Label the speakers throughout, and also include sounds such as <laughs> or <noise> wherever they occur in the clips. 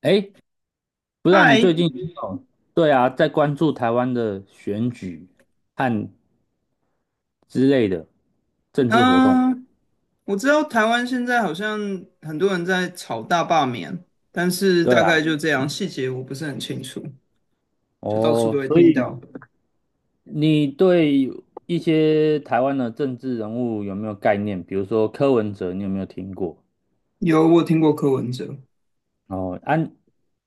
Speaker 1: 哎，不知道你
Speaker 2: 嗨，
Speaker 1: 最近哦，对啊，在关注台湾的选举和之类的政治活动。
Speaker 2: 嗯，我知道台湾现在好像很多人在炒大罢免，但是
Speaker 1: 对
Speaker 2: 大概
Speaker 1: 啊，
Speaker 2: 就这样，细节我不是很清楚，就到处都
Speaker 1: 哦，
Speaker 2: 会
Speaker 1: 所
Speaker 2: 听
Speaker 1: 以
Speaker 2: 到。
Speaker 1: 你对一些台湾的政治人物有没有概念？比如说柯文哲，你有没有听过？
Speaker 2: 有，我有听过柯文哲。
Speaker 1: 哦，安啊，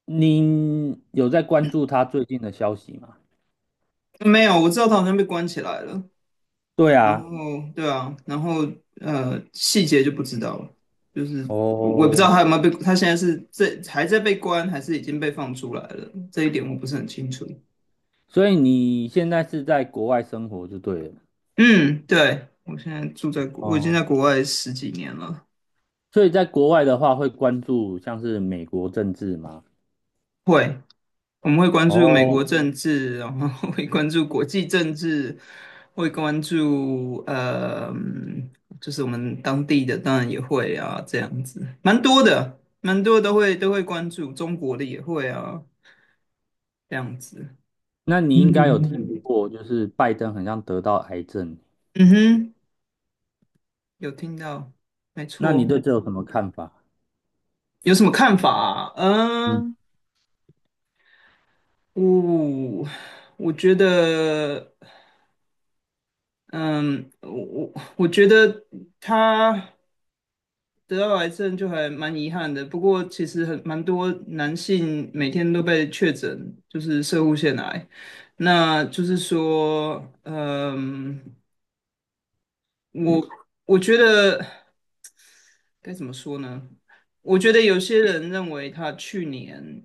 Speaker 1: 你有在关注他最近的消息吗？
Speaker 2: 没有，我知道他好像被关起来了。
Speaker 1: 对
Speaker 2: 然后，
Speaker 1: 啊，
Speaker 2: 对啊，然后细节就不知道了，就是我也不知道
Speaker 1: 哦，
Speaker 2: 他有没有被，他现在是这还在被关，还是已经被放出来了，这一点我不是很清楚。
Speaker 1: 所以你现在是在国外生活就对了。
Speaker 2: 嗯，对，我已经在
Speaker 1: 哦。
Speaker 2: 国外十几年了。
Speaker 1: 所以在国外的话，会关注像是美国政治吗？
Speaker 2: 会，我们会关注美
Speaker 1: 哦，
Speaker 2: 国政治，然后 <laughs> 会关注国际政治，会关注就是我们当地的，当然也会啊，这样子，蛮多的，蛮多都会关注，中国的也会啊，这样子。
Speaker 1: 那你应该有听
Speaker 2: 嗯
Speaker 1: 过，就是拜登很像得到癌症，
Speaker 2: 嗯哼，有听到，没
Speaker 1: 那你
Speaker 2: 错。
Speaker 1: 对这有什么看法？
Speaker 2: 有什么看法啊？
Speaker 1: 嗯
Speaker 2: 嗯，我我觉得，嗯，我我我觉得他。得到癌症就还蛮遗憾的，不过其实很蛮多男性每天都被确诊，就是射护腺癌。那就是说，嗯，我我觉得。该怎么说呢？我觉得有些人认为他去年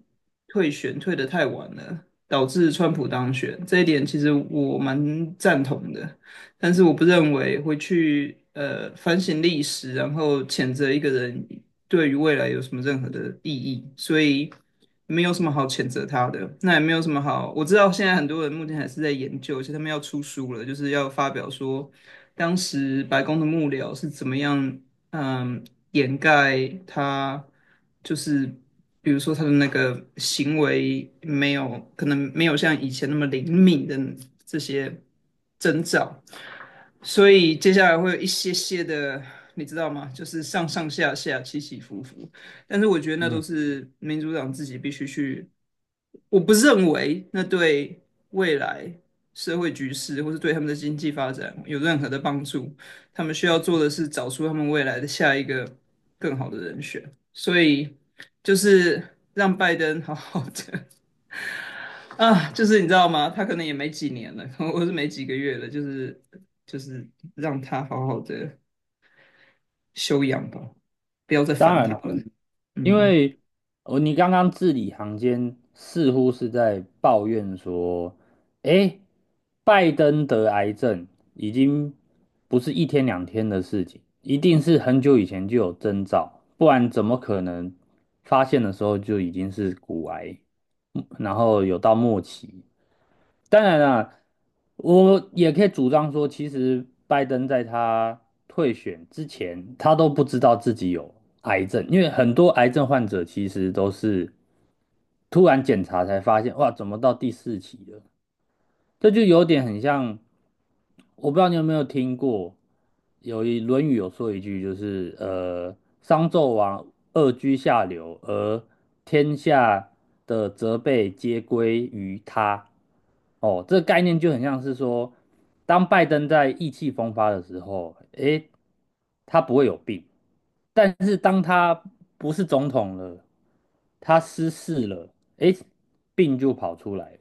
Speaker 2: 退选退得太晚了，导致川普当选，这一点其实我蛮赞同的。但是我不认为会去反省历史，然后谴责一个人对于未来有什么任何的意义，所以没有什么好谴责他的。那也没有什么好，我知道现在很多人目前还是在研究，而且他们要出书了，就是要发表说当时白宫的幕僚是怎么样。嗯，掩盖他，就是比如说他的那个行为没有可能没有像以前那么灵敏的这些征兆，所以接下来会有一些些的，你知道吗？就是上上下下起起伏伏，但是我觉得那都
Speaker 1: 嗯，
Speaker 2: 是民主党自己必须去，我不认为那对未来社会局势或是对他们的经济发展有任何的帮助。他们需要做的是找出他们未来的下一个更好的人选，所以就是让拜登好好的啊，就是你知道吗？他可能也没几年了，我是没几个月了，就是让他好好的休养吧，不要再
Speaker 1: 当
Speaker 2: 烦
Speaker 1: 然
Speaker 2: 他
Speaker 1: 了，
Speaker 2: 了。
Speaker 1: 因
Speaker 2: 嗯。
Speaker 1: 为你刚刚字里行间似乎是在抱怨说，诶，拜登得癌症已经不是一天两天的事情，一定是很久以前就有征兆，不然怎么可能发现的时候就已经是骨癌，然后有到末期？当然啦，我也可以主张说，其实拜登在他退选之前，他都不知道自己有癌症，因为很多癌症患者其实都是突然检查才发现，哇，怎么到第四期了？这就有点很像。我不知道你有没有听过，有一《论语》有说一句，就是商纣王恶居下流，而天下的责备皆归于他。哦，这个概念就很像是说，当拜登在意气风发的时候，诶，他不会有病，但是当他不是总统了，他失势了，诶，病就跑出来了。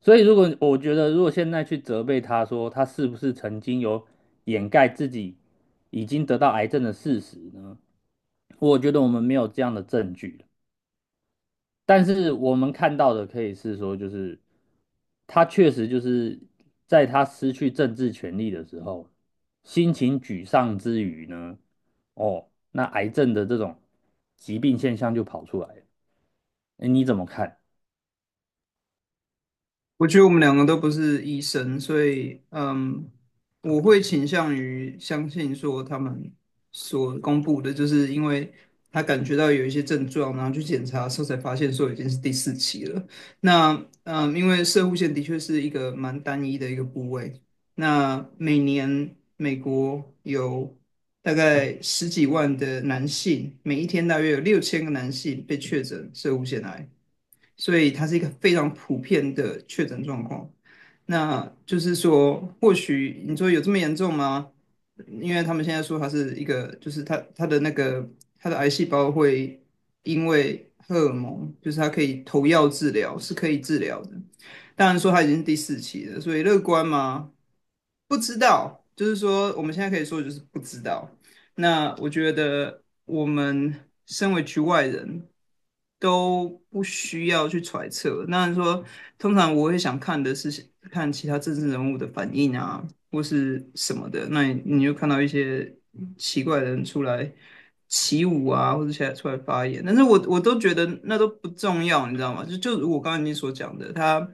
Speaker 1: 所以，如果我觉得，如果现在去责备他说他是不是曾经有掩盖自己已经得到癌症的事实呢？我觉得我们没有这样的证据，但是我们看到的可以是说，就是他确实就是在他失去政治权利的时候，心情沮丧之余呢，哦，那癌症的这种疾病现象就跑出来了。哎，你怎么看？
Speaker 2: 我觉得我们两个都不是医生，所以我会倾向于相信说他们所公布的，就是因为他感觉到有一些症状，然后去检查的时候才发现说已经是第四期了。那因为射护腺的确是一个蛮单一的一个部位，那每年美国有大概十几万的男性，每一天大约有6000个男性被确诊射护腺癌。所以它是一个非常普遍的确诊状况。那就是说，或许你说有这么严重吗？因为他们现在说它是一个，就是它的那个它的癌细胞会因为荷尔蒙，就是它可以投药治疗，是可以治疗的。当然说它已经是第四期了，所以乐观吗？不知道，就是说我们现在可以说的就是不知道。那我觉得我们身为局外人都不需要去揣测。那说，通常我会想看的是看其他政治人物的反应啊，或是什么的。那你就看到一些奇怪的人出来起舞啊，或者起来出来发言，但是我都觉得那都不重要，你知道吗？就就如我刚才你所讲的，他。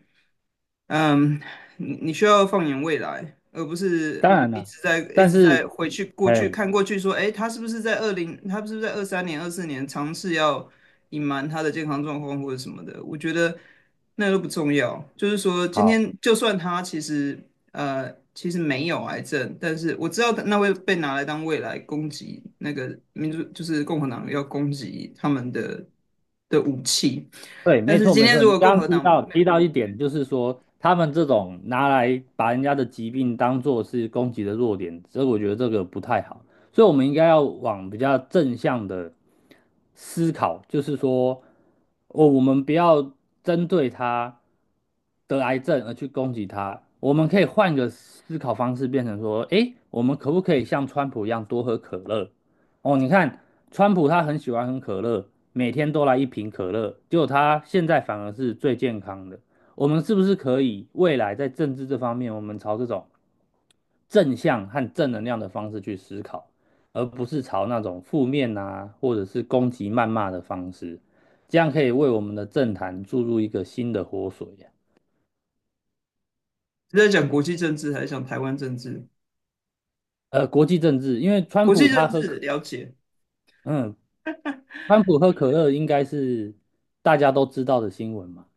Speaker 2: 嗯，你需要放眼未来，而不是
Speaker 1: 当然了，
Speaker 2: 一
Speaker 1: 但
Speaker 2: 直
Speaker 1: 是，
Speaker 2: 在回去过
Speaker 1: 哎，
Speaker 2: 去看过去说，诶，他是不是在23年、24年尝试要隐瞒他的健康状况或者什么的？我觉得那都不重要。就是说，今
Speaker 1: 好。
Speaker 2: 天就算他其实没有癌症，但是我知道那会被拿来当未来攻击那个民主，就是共和党要攻击他们的的武器。
Speaker 1: 对，
Speaker 2: 但
Speaker 1: 没
Speaker 2: 是
Speaker 1: 错
Speaker 2: 今
Speaker 1: 没
Speaker 2: 天
Speaker 1: 错。
Speaker 2: 如
Speaker 1: 你
Speaker 2: 果共
Speaker 1: 刚
Speaker 2: 和
Speaker 1: 刚提
Speaker 2: 党
Speaker 1: 到提到一点，就是说他们这种拿来把人家的疾病当做是攻击的弱点，所以我觉得这个不太好。所以我们应该要往比较正向的思考，就是说，我们不要针对他得癌症而去攻击他，我们可以换个思考方式，变成说，诶，我们可不可以像川普一样多喝可乐？哦，你看，川普他很喜欢喝可乐，每天都来一瓶可乐，结果他现在反而是最健康的。我们是不是可以未来在政治这方面，我们朝这种正向和正能量的方式去思考，而不是朝那种负面啊，或者是攻击谩骂的方式，这样可以为我们的政坛注入一个新的活水呀。
Speaker 2: 是在讲国际政治还是讲台湾政治？
Speaker 1: 国际政治，因为川
Speaker 2: 国
Speaker 1: 普
Speaker 2: 际
Speaker 1: 他
Speaker 2: 政
Speaker 1: 喝
Speaker 2: 治
Speaker 1: 可，
Speaker 2: 了解，
Speaker 1: 嗯，川普喝可乐应该是大家都知道的新闻嘛。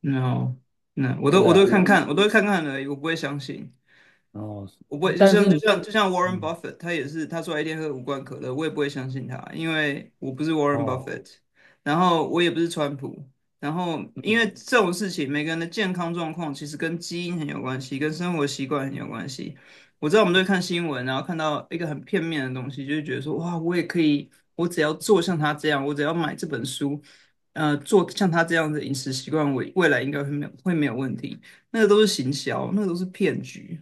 Speaker 2: 然后那我都我
Speaker 1: 对
Speaker 2: 都
Speaker 1: 啊，
Speaker 2: 会看看，而已，我不会相信。
Speaker 1: 哦，
Speaker 2: 我不会，
Speaker 1: 但是你，
Speaker 2: 就像 Warren
Speaker 1: 嗯，
Speaker 2: Buffett,他也是，他说他一天喝5罐可乐，我也不会相信他，因为我不是 Warren
Speaker 1: 哦，
Speaker 2: Buffett,然后我也不是川普，然后因
Speaker 1: 嗯
Speaker 2: 为这种事情，每个人的健康状况其实跟基因很有关系，跟生活习惯很有关系。我知道我们都会看新闻，然后看到一个很片面的东西，就是觉得说，哇，我也可以，我只要做像他这样，我只要买这本书，做像他这样的饮食习惯，我未来应该会没有问题。那个都是行销，那个都是骗局。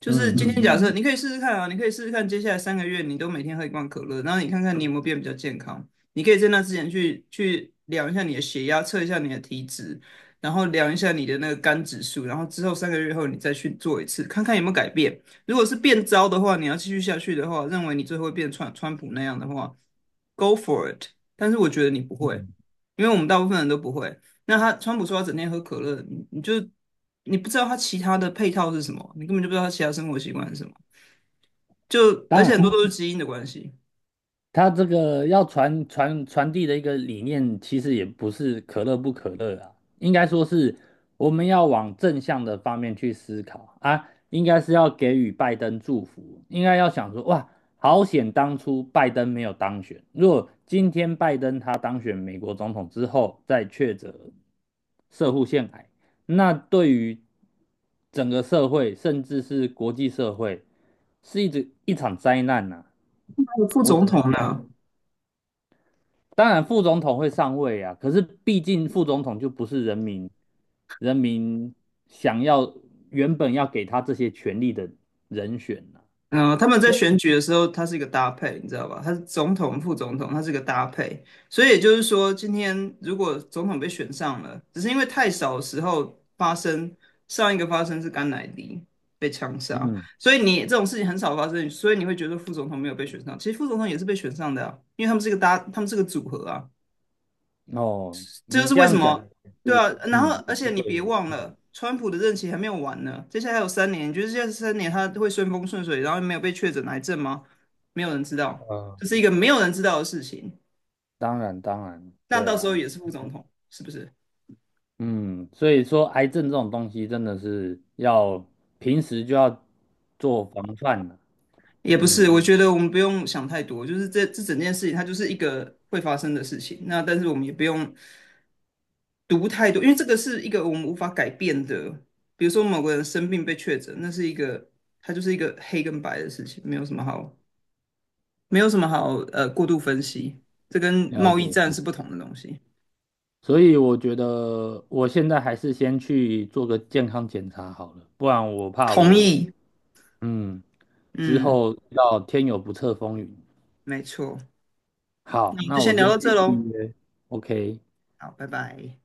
Speaker 2: 就
Speaker 1: 嗯
Speaker 2: 是今
Speaker 1: 嗯
Speaker 2: 天
Speaker 1: 嗯，
Speaker 2: 假设你可以试试看啊，你可以试试看，接下来三个月你都每天喝一罐可乐，然后你看看你有没有变比较健康。你可以在那之前去量一下你的血压，测一下你的体脂，然后量一下你的那个肝指数，然后之后3个月后你再去做一次，看看有没有改变。如果是变糟的话，你要继续下去的话，认为你最后会变川普那样的话，Go for it。但是我觉得你不会，
Speaker 1: 嗯
Speaker 2: 因为我们大部分人都不会。那他川普说他整天喝可乐，你不知道他其他的配套是什么，你根本就不知道他其他生活习惯是什么。就而
Speaker 1: 当
Speaker 2: 且很
Speaker 1: 然
Speaker 2: 多都是基因的关系。
Speaker 1: 他这个要传递的一个理念，其实也不是可乐不可乐啊，应该说是我们要往正向的方面去思考啊，应该是要给予拜登祝福，应该要想说，哇，好险当初拜登没有当选，如果今天拜登他当选美国总统之后再确诊社会腺癌，那对于整个社会，甚至是国际社会，是一场灾难呐、啊
Speaker 2: 那个副
Speaker 1: 我
Speaker 2: 总
Speaker 1: 只能。
Speaker 2: 统
Speaker 1: 这样。
Speaker 2: 呢？
Speaker 1: 当然副总统会上位啊，可是毕竟副总统就不是人民想要原本要给他这些权利的人选呐、
Speaker 2: 他们在
Speaker 1: 所
Speaker 2: 选举的时候，它是一个搭配，你知道吧？它是总统、副总统，它是一个搭配。所以也就是说，今天如果总统被选上了，只是因为太少的时候发生，上一个发生是甘乃迪被枪
Speaker 1: 以
Speaker 2: 杀，
Speaker 1: 嗯，
Speaker 2: 所以你这种事情很少发生，所以你会觉得副总统没有被选上。其实副总统也是被选上的啊，因为他们是个组合啊。
Speaker 1: 哦，
Speaker 2: 这就
Speaker 1: 你
Speaker 2: 是
Speaker 1: 这
Speaker 2: 为什
Speaker 1: 样讲
Speaker 2: 么，
Speaker 1: 也
Speaker 2: 对
Speaker 1: 是，
Speaker 2: 啊，然后
Speaker 1: 嗯，
Speaker 2: 而
Speaker 1: 也是
Speaker 2: 且你
Speaker 1: 对
Speaker 2: 别
Speaker 1: 的，
Speaker 2: 忘
Speaker 1: 嗯，
Speaker 2: 了，川普的任期还没有完呢，接下来还有三年，就是得接下来三年他会顺风顺水，然后没有被确诊癌症吗？没有人知道，
Speaker 1: 呃，
Speaker 2: 这是一个没有人知道的事情。
Speaker 1: 当然，当然，
Speaker 2: 那
Speaker 1: 对
Speaker 2: 到时候
Speaker 1: 啊，
Speaker 2: 也是副总统，是不是？
Speaker 1: 嗯，所以说癌症这种东西真的是要平时就要做防范了，
Speaker 2: 也不是，
Speaker 1: 嗯，
Speaker 2: 我觉得我们不用想太多，就是这整件事情它就是一个会发生的事情。那但是我们也不用读太多，因为这个是一个我们无法改变的，比如说某个人生病被确诊，那是一个它就是一个黑跟白的事情，没有什么好。没有什么好过度分析，这跟
Speaker 1: 了
Speaker 2: 贸
Speaker 1: 解，
Speaker 2: 易战
Speaker 1: 了
Speaker 2: 是不
Speaker 1: 解。
Speaker 2: 同的东西。
Speaker 1: 所以我觉得我现在还是先去做个健康检查好了，不然我怕
Speaker 2: 同
Speaker 1: 我
Speaker 2: 意，
Speaker 1: 嗯之
Speaker 2: 嗯，
Speaker 1: 后要天有不测风云。
Speaker 2: 没错。那
Speaker 1: 好，
Speaker 2: 我们就
Speaker 1: 那
Speaker 2: 先
Speaker 1: 我
Speaker 2: 聊
Speaker 1: 先
Speaker 2: 到这
Speaker 1: 去预
Speaker 2: 喽，
Speaker 1: 约，OK。
Speaker 2: 好，拜拜。